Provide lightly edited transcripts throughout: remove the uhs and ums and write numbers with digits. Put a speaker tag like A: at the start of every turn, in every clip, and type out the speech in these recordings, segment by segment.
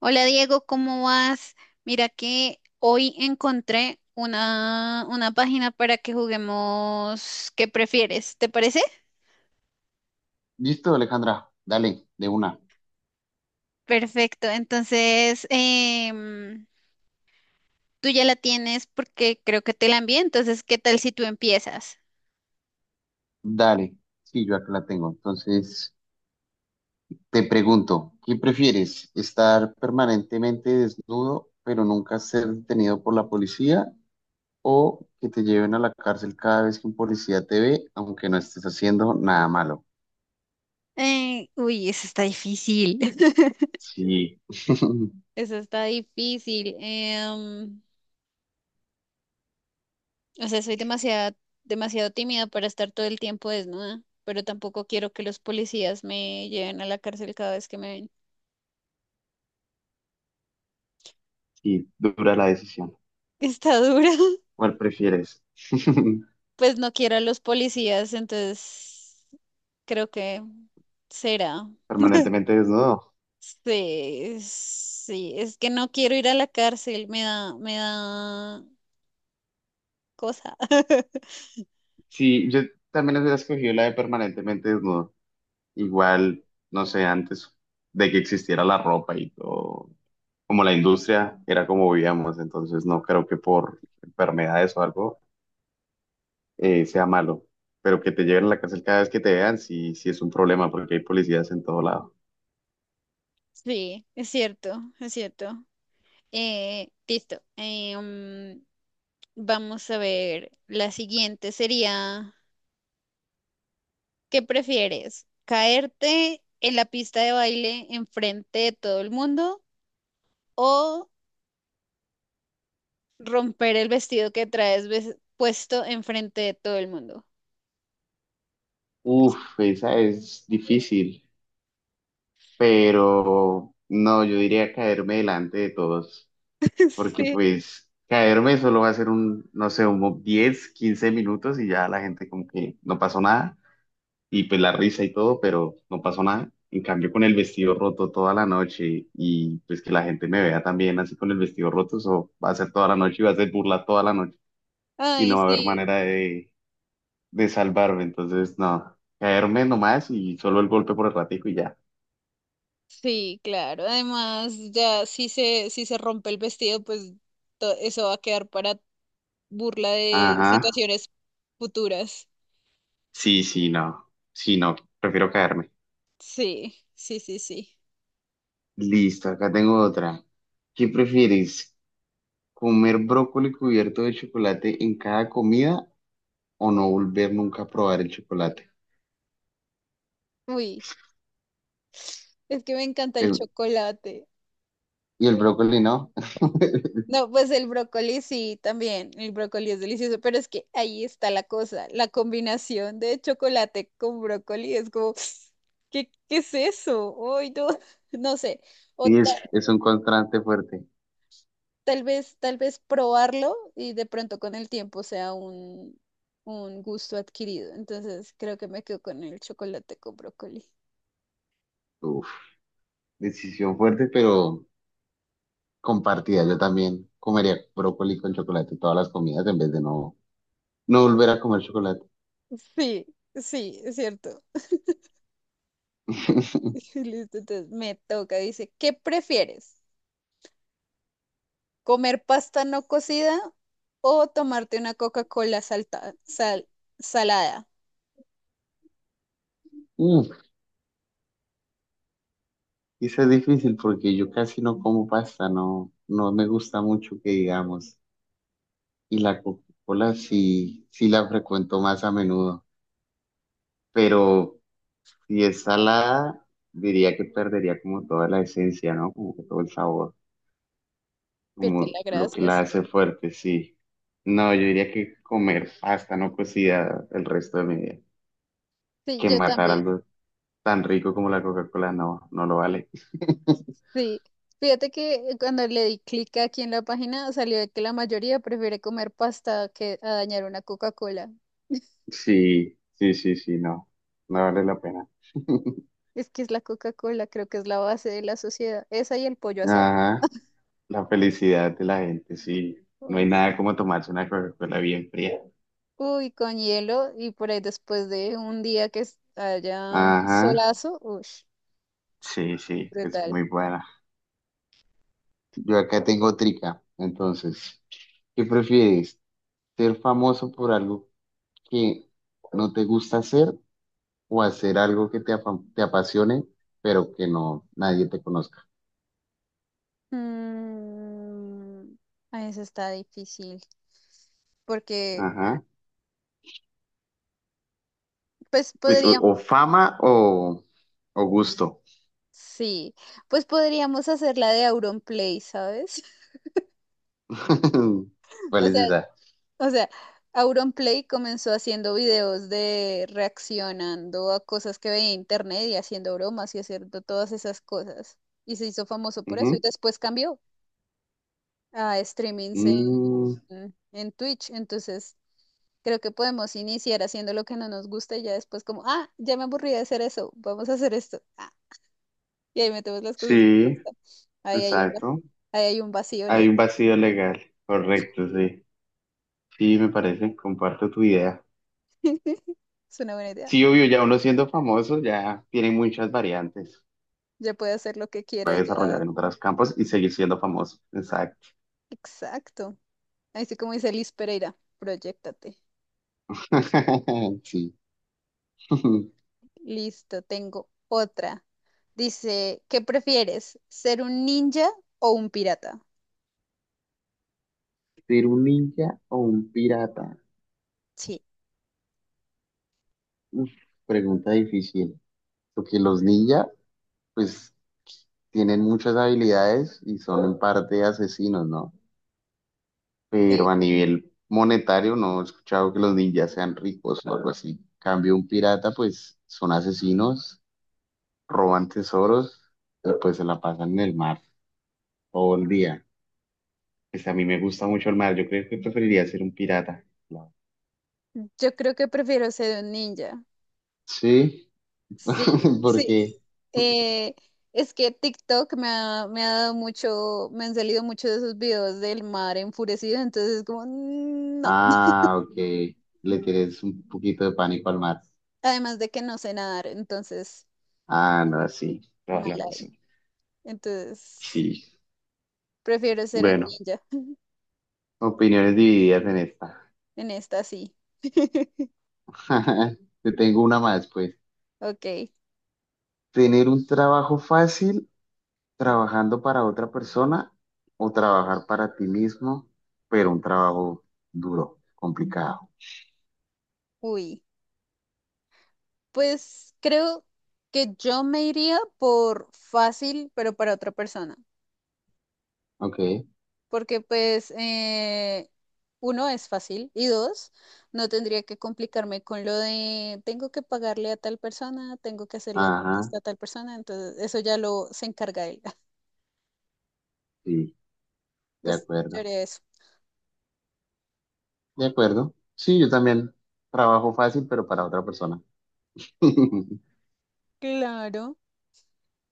A: Hola Diego, ¿cómo vas? Mira que hoy encontré una página para que juguemos, ¿qué prefieres? ¿Te parece?
B: Listo, Alejandra, dale, de una,
A: Perfecto, entonces tú ya la tienes porque creo que te la envié, entonces ¿qué tal si tú empiezas?
B: dale. Sí, yo acá la tengo. Entonces, te pregunto, ¿qué prefieres? ¿Estar permanentemente desnudo, pero nunca ser detenido por la policía? ¿O que te lleven a la cárcel cada vez que un policía te ve, aunque no estés haciendo nada malo?
A: Uy, eso está difícil.
B: Sí,
A: Eso está difícil. O sea, demasiado tímida para estar todo el tiempo desnuda, pero tampoco quiero que los policías me lleven a la cárcel cada vez que me ven.
B: sí, dura la decisión.
A: Está dura.
B: ¿Cuál prefieres?
A: Pues no quiero a los policías, entonces creo que será.
B: ¿Permanentemente desnudo?
A: Sí, sí, es que no quiero ir a la cárcel, me da cosa.
B: Sí, yo también hubiera escogido la de permanentemente desnudo. Igual, no sé, antes de que existiera la ropa y todo, como la industria era como vivíamos, entonces no creo que por enfermedades o algo sea malo, pero que te lleven a la cárcel cada vez que te vean, sí, sí es un problema porque hay policías en todo lado.
A: Sí, es cierto, es cierto. Listo. Vamos a ver, la siguiente sería, ¿qué prefieres? ¿Caerte en la pista de baile enfrente de todo el mundo o romper el vestido que traes puesto enfrente de todo el mundo?
B: Uf, esa es difícil, pero no, yo diría caerme delante de todos, porque
A: Sí.
B: pues caerme solo va a ser un, no sé, un 10, 15 minutos y ya la gente como que no pasó nada y pues la risa y todo, pero no pasó nada. En cambio, con el vestido roto toda la noche y pues que la gente me vea también así con el vestido roto, eso va a ser toda la noche y va a ser burla toda la noche y
A: Ay,
B: no va a haber
A: sí,
B: manera de salvarme. Entonces, no, caerme nomás y solo el golpe por el ratico y ya.
A: sí, claro. Además, ya si se rompe el vestido, pues eso va a quedar para burla de
B: Ajá,
A: situaciones futuras.
B: sí, sí, no, sí, no, prefiero caerme.
A: Sí, sí, sí, sí.
B: Listo, acá tengo otra. ¿Qué prefieres? ¿Comer brócoli cubierto de chocolate en cada comida o no volver nunca a probar el chocolate?
A: Uy, es que me encanta el
B: Eh,
A: chocolate.
B: Y el brócoli, ¿no?
A: No, pues el brócoli sí, también. El brócoli es delicioso, pero es que ahí está la cosa. La combinación de chocolate con brócoli es como, ¿qué es eso? Ay, no, no sé. O
B: Sí,
A: ta-
B: es un contraste fuerte.
A: tal vez probarlo y de pronto con el tiempo sea un gusto adquirido. Entonces creo que me quedo con el chocolate con brócoli.
B: Uf, decisión fuerte, pero compartida. Yo también comería brócoli con chocolate todas las comidas en vez de no, no volver a comer chocolate.
A: Sí, sí, es cierto. Li- Listo, entonces me toca. Dice, ¿qué prefieres? ¿Comer pasta no cocida o tomarte una Coca-Cola salada?
B: Uf, eso es difícil porque yo casi no como pasta, no, no me gusta mucho que digamos. Y la Coca-Cola sí, sí la frecuento más a menudo, pero si es salada, diría que perdería como toda la esencia, ¿no? Como que todo el sabor,
A: Pierde
B: como
A: la
B: lo que
A: gracia,
B: la
A: sí.
B: hace fuerte, sí. No, yo diría que comer pasta no cocida el resto de mi vida,
A: Sí,
B: que
A: yo
B: matar
A: también,
B: algo tan rico como la Coca-Cola, no, no lo vale.
A: sí. Fíjate que cuando le di clic aquí en la página salió de que la mayoría prefiere comer pasta que a dañar una Coca-Cola.
B: Sí, sí, sí, sí, no, no vale la pena.
A: Es que es la Coca-Cola, creo que es la base de la sociedad. Esa y el pollo asado.
B: Ajá, la felicidad de la gente, sí. No hay
A: Uy,
B: nada como tomarse una Coca-Cola bien fría.
A: Uy, con hielo y por ahí después de un día haya un
B: Ajá,
A: solazo, uy,
B: sí, sí, es
A: brutal.
B: muy buena. Yo acá tengo trica, entonces, ¿qué prefieres? ¿Ser famoso por algo que no te gusta hacer o hacer algo que te apasione, pero que no nadie te conozca?
A: Mm, eso está difícil, porque
B: Ajá.
A: pues
B: Pues o,
A: podríamos,
B: o fama, o gusto.
A: sí, pues podríamos hacer la de Auronplay, ¿sabes?
B: ¿Cuál
A: O
B: es
A: sea,
B: esa?
A: o sea, Auronplay comenzó haciendo videos de reaccionando a cosas que veía en internet y haciendo bromas y haciendo todas esas cosas. Y se hizo famoso por eso y
B: Ujú.
A: después cambió a streamings
B: Mm,
A: en Twitch. Entonces, creo que podemos iniciar haciendo lo que no nos gusta y ya después como, ah, ya me aburrí de hacer eso, vamos a hacer esto. Ah, y ahí metemos las cosas que
B: sí,
A: nos gustan. Ahí hay un, va-
B: exacto.
A: Ahí hay un vacío
B: Hay
A: legal.
B: un vacío legal, correcto, sí. Sí, me parece, comparto tu idea.
A: Es una buena idea.
B: Sí, obvio, ya uno siendo famoso ya tiene muchas variantes.
A: Ya puede hacer lo que quiera,
B: Puede
A: ya.
B: desarrollar en otros campos y seguir siendo famoso. Exacto.
A: Exacto. Así como dice Liz Pereira, proyectate.
B: Sí.
A: Listo, tengo otra. Dice, ¿qué prefieres? ¿Ser un ninja o un pirata?
B: ¿Ser un ninja o un pirata? Uf, pregunta difícil, porque los ninjas, pues, tienen muchas habilidades y son en parte asesinos, ¿no? Pero
A: Sí.
B: a nivel monetario no he escuchado que los ninjas sean ricos o algo así. En cambio, un pirata, pues, son asesinos, roban tesoros y pues se la pasan en el mar todo el día. Pues a mí me gusta mucho el mar, yo creo que preferiría ser un pirata.
A: Yo creo que prefiero ser un ninja.
B: Sí,
A: Sí, sí.
B: porque,
A: Eh, es que TikTok me ha dado mucho, me han salido muchos de esos videos del mar enfurecido, entonces es como, "Mm, no".
B: ah, ok, le tienes un poquito de pánico al mar.
A: Además de que no sé nadar, entonces,
B: Ah, no, sí, toda
A: mal
B: la
A: ahí.
B: razón,
A: Entonces,
B: sí.
A: prefiero ser un
B: Bueno,
A: ninja.
B: opiniones divididas en esta.
A: En esta sí.
B: Te tengo una más, pues.
A: Ok,
B: ¿Tener un trabajo fácil trabajando para otra persona o trabajar para ti mismo, pero un trabajo duro, complicado?
A: uy. Pues creo que yo me iría por fácil, pero para otra persona.
B: Ok,
A: Porque pues uno es fácil y dos, no tendría que complicarme con lo de tengo que pagarle a tal persona, tengo que hacerle
B: ajá,
A: esto a tal persona, entonces eso ya lo se encarga él.
B: sí, de
A: Pues yo
B: acuerdo,
A: haría eso.
B: de acuerdo. Sí, yo también trabajo fácil, pero para otra persona.
A: Claro.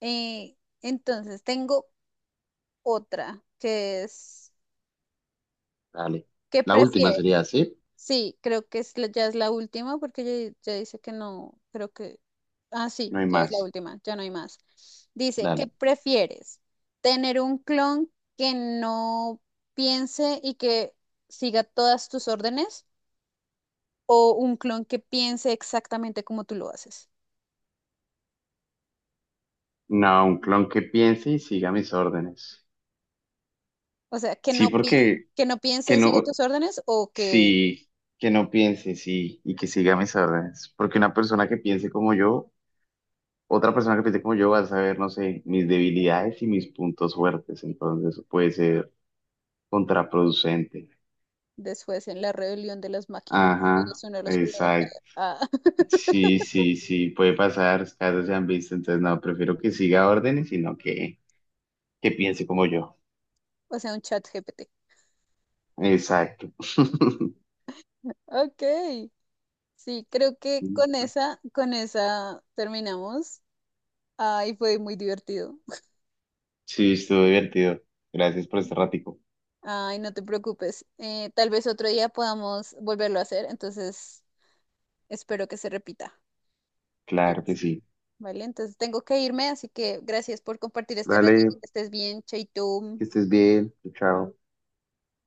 A: Eh, entonces tengo otra que es,
B: Dale,
A: ¿qué
B: la última
A: prefieres?
B: sería, ¿sí?
A: Sí, creo que es, ya es la última porque ya dice que no, creo que... Ah, sí,
B: No hay
A: ya es la
B: más.
A: última, ya no hay más. Dice, ¿qué
B: Dale.
A: prefieres? ¿Tener un clon que no piense y que siga todas tus órdenes o un clon que piense exactamente como tú lo haces?
B: No, un clon que piense y siga mis órdenes.
A: O sea,
B: Sí, porque
A: que no piense
B: que
A: y siga
B: no,
A: tus órdenes o que
B: sí, que no piense, sí, y que siga mis órdenes. Porque una persona que piense como yo, otra persona que piense como yo va a saber, no sé, mis debilidades y mis puntos fuertes. Entonces eso puede ser contraproducente.
A: después en la rebelión de las máquinas
B: Ajá,
A: eres uno de los primeros en...
B: exacto.
A: Ah,
B: Sí, sí, sí, puede pasar, casos se han visto. Entonces no, prefiero que siga órdenes, sino que piense como yo.
A: o sea, un chat GPT.
B: Exacto.
A: Ok. Sí, creo que con esa terminamos. Ay, fue muy divertido.
B: Sí, estuvo divertido. Gracias por este ratico.
A: Ay, no te preocupes. Tal vez otro día podamos volverlo a hacer, entonces espero que se repita,
B: Claro que sí.
A: ¿vale? Entonces tengo que irme, así que gracias por compartir este ratito.
B: Dale,
A: Que estés bien, Chaito.
B: que estés bien. Chao.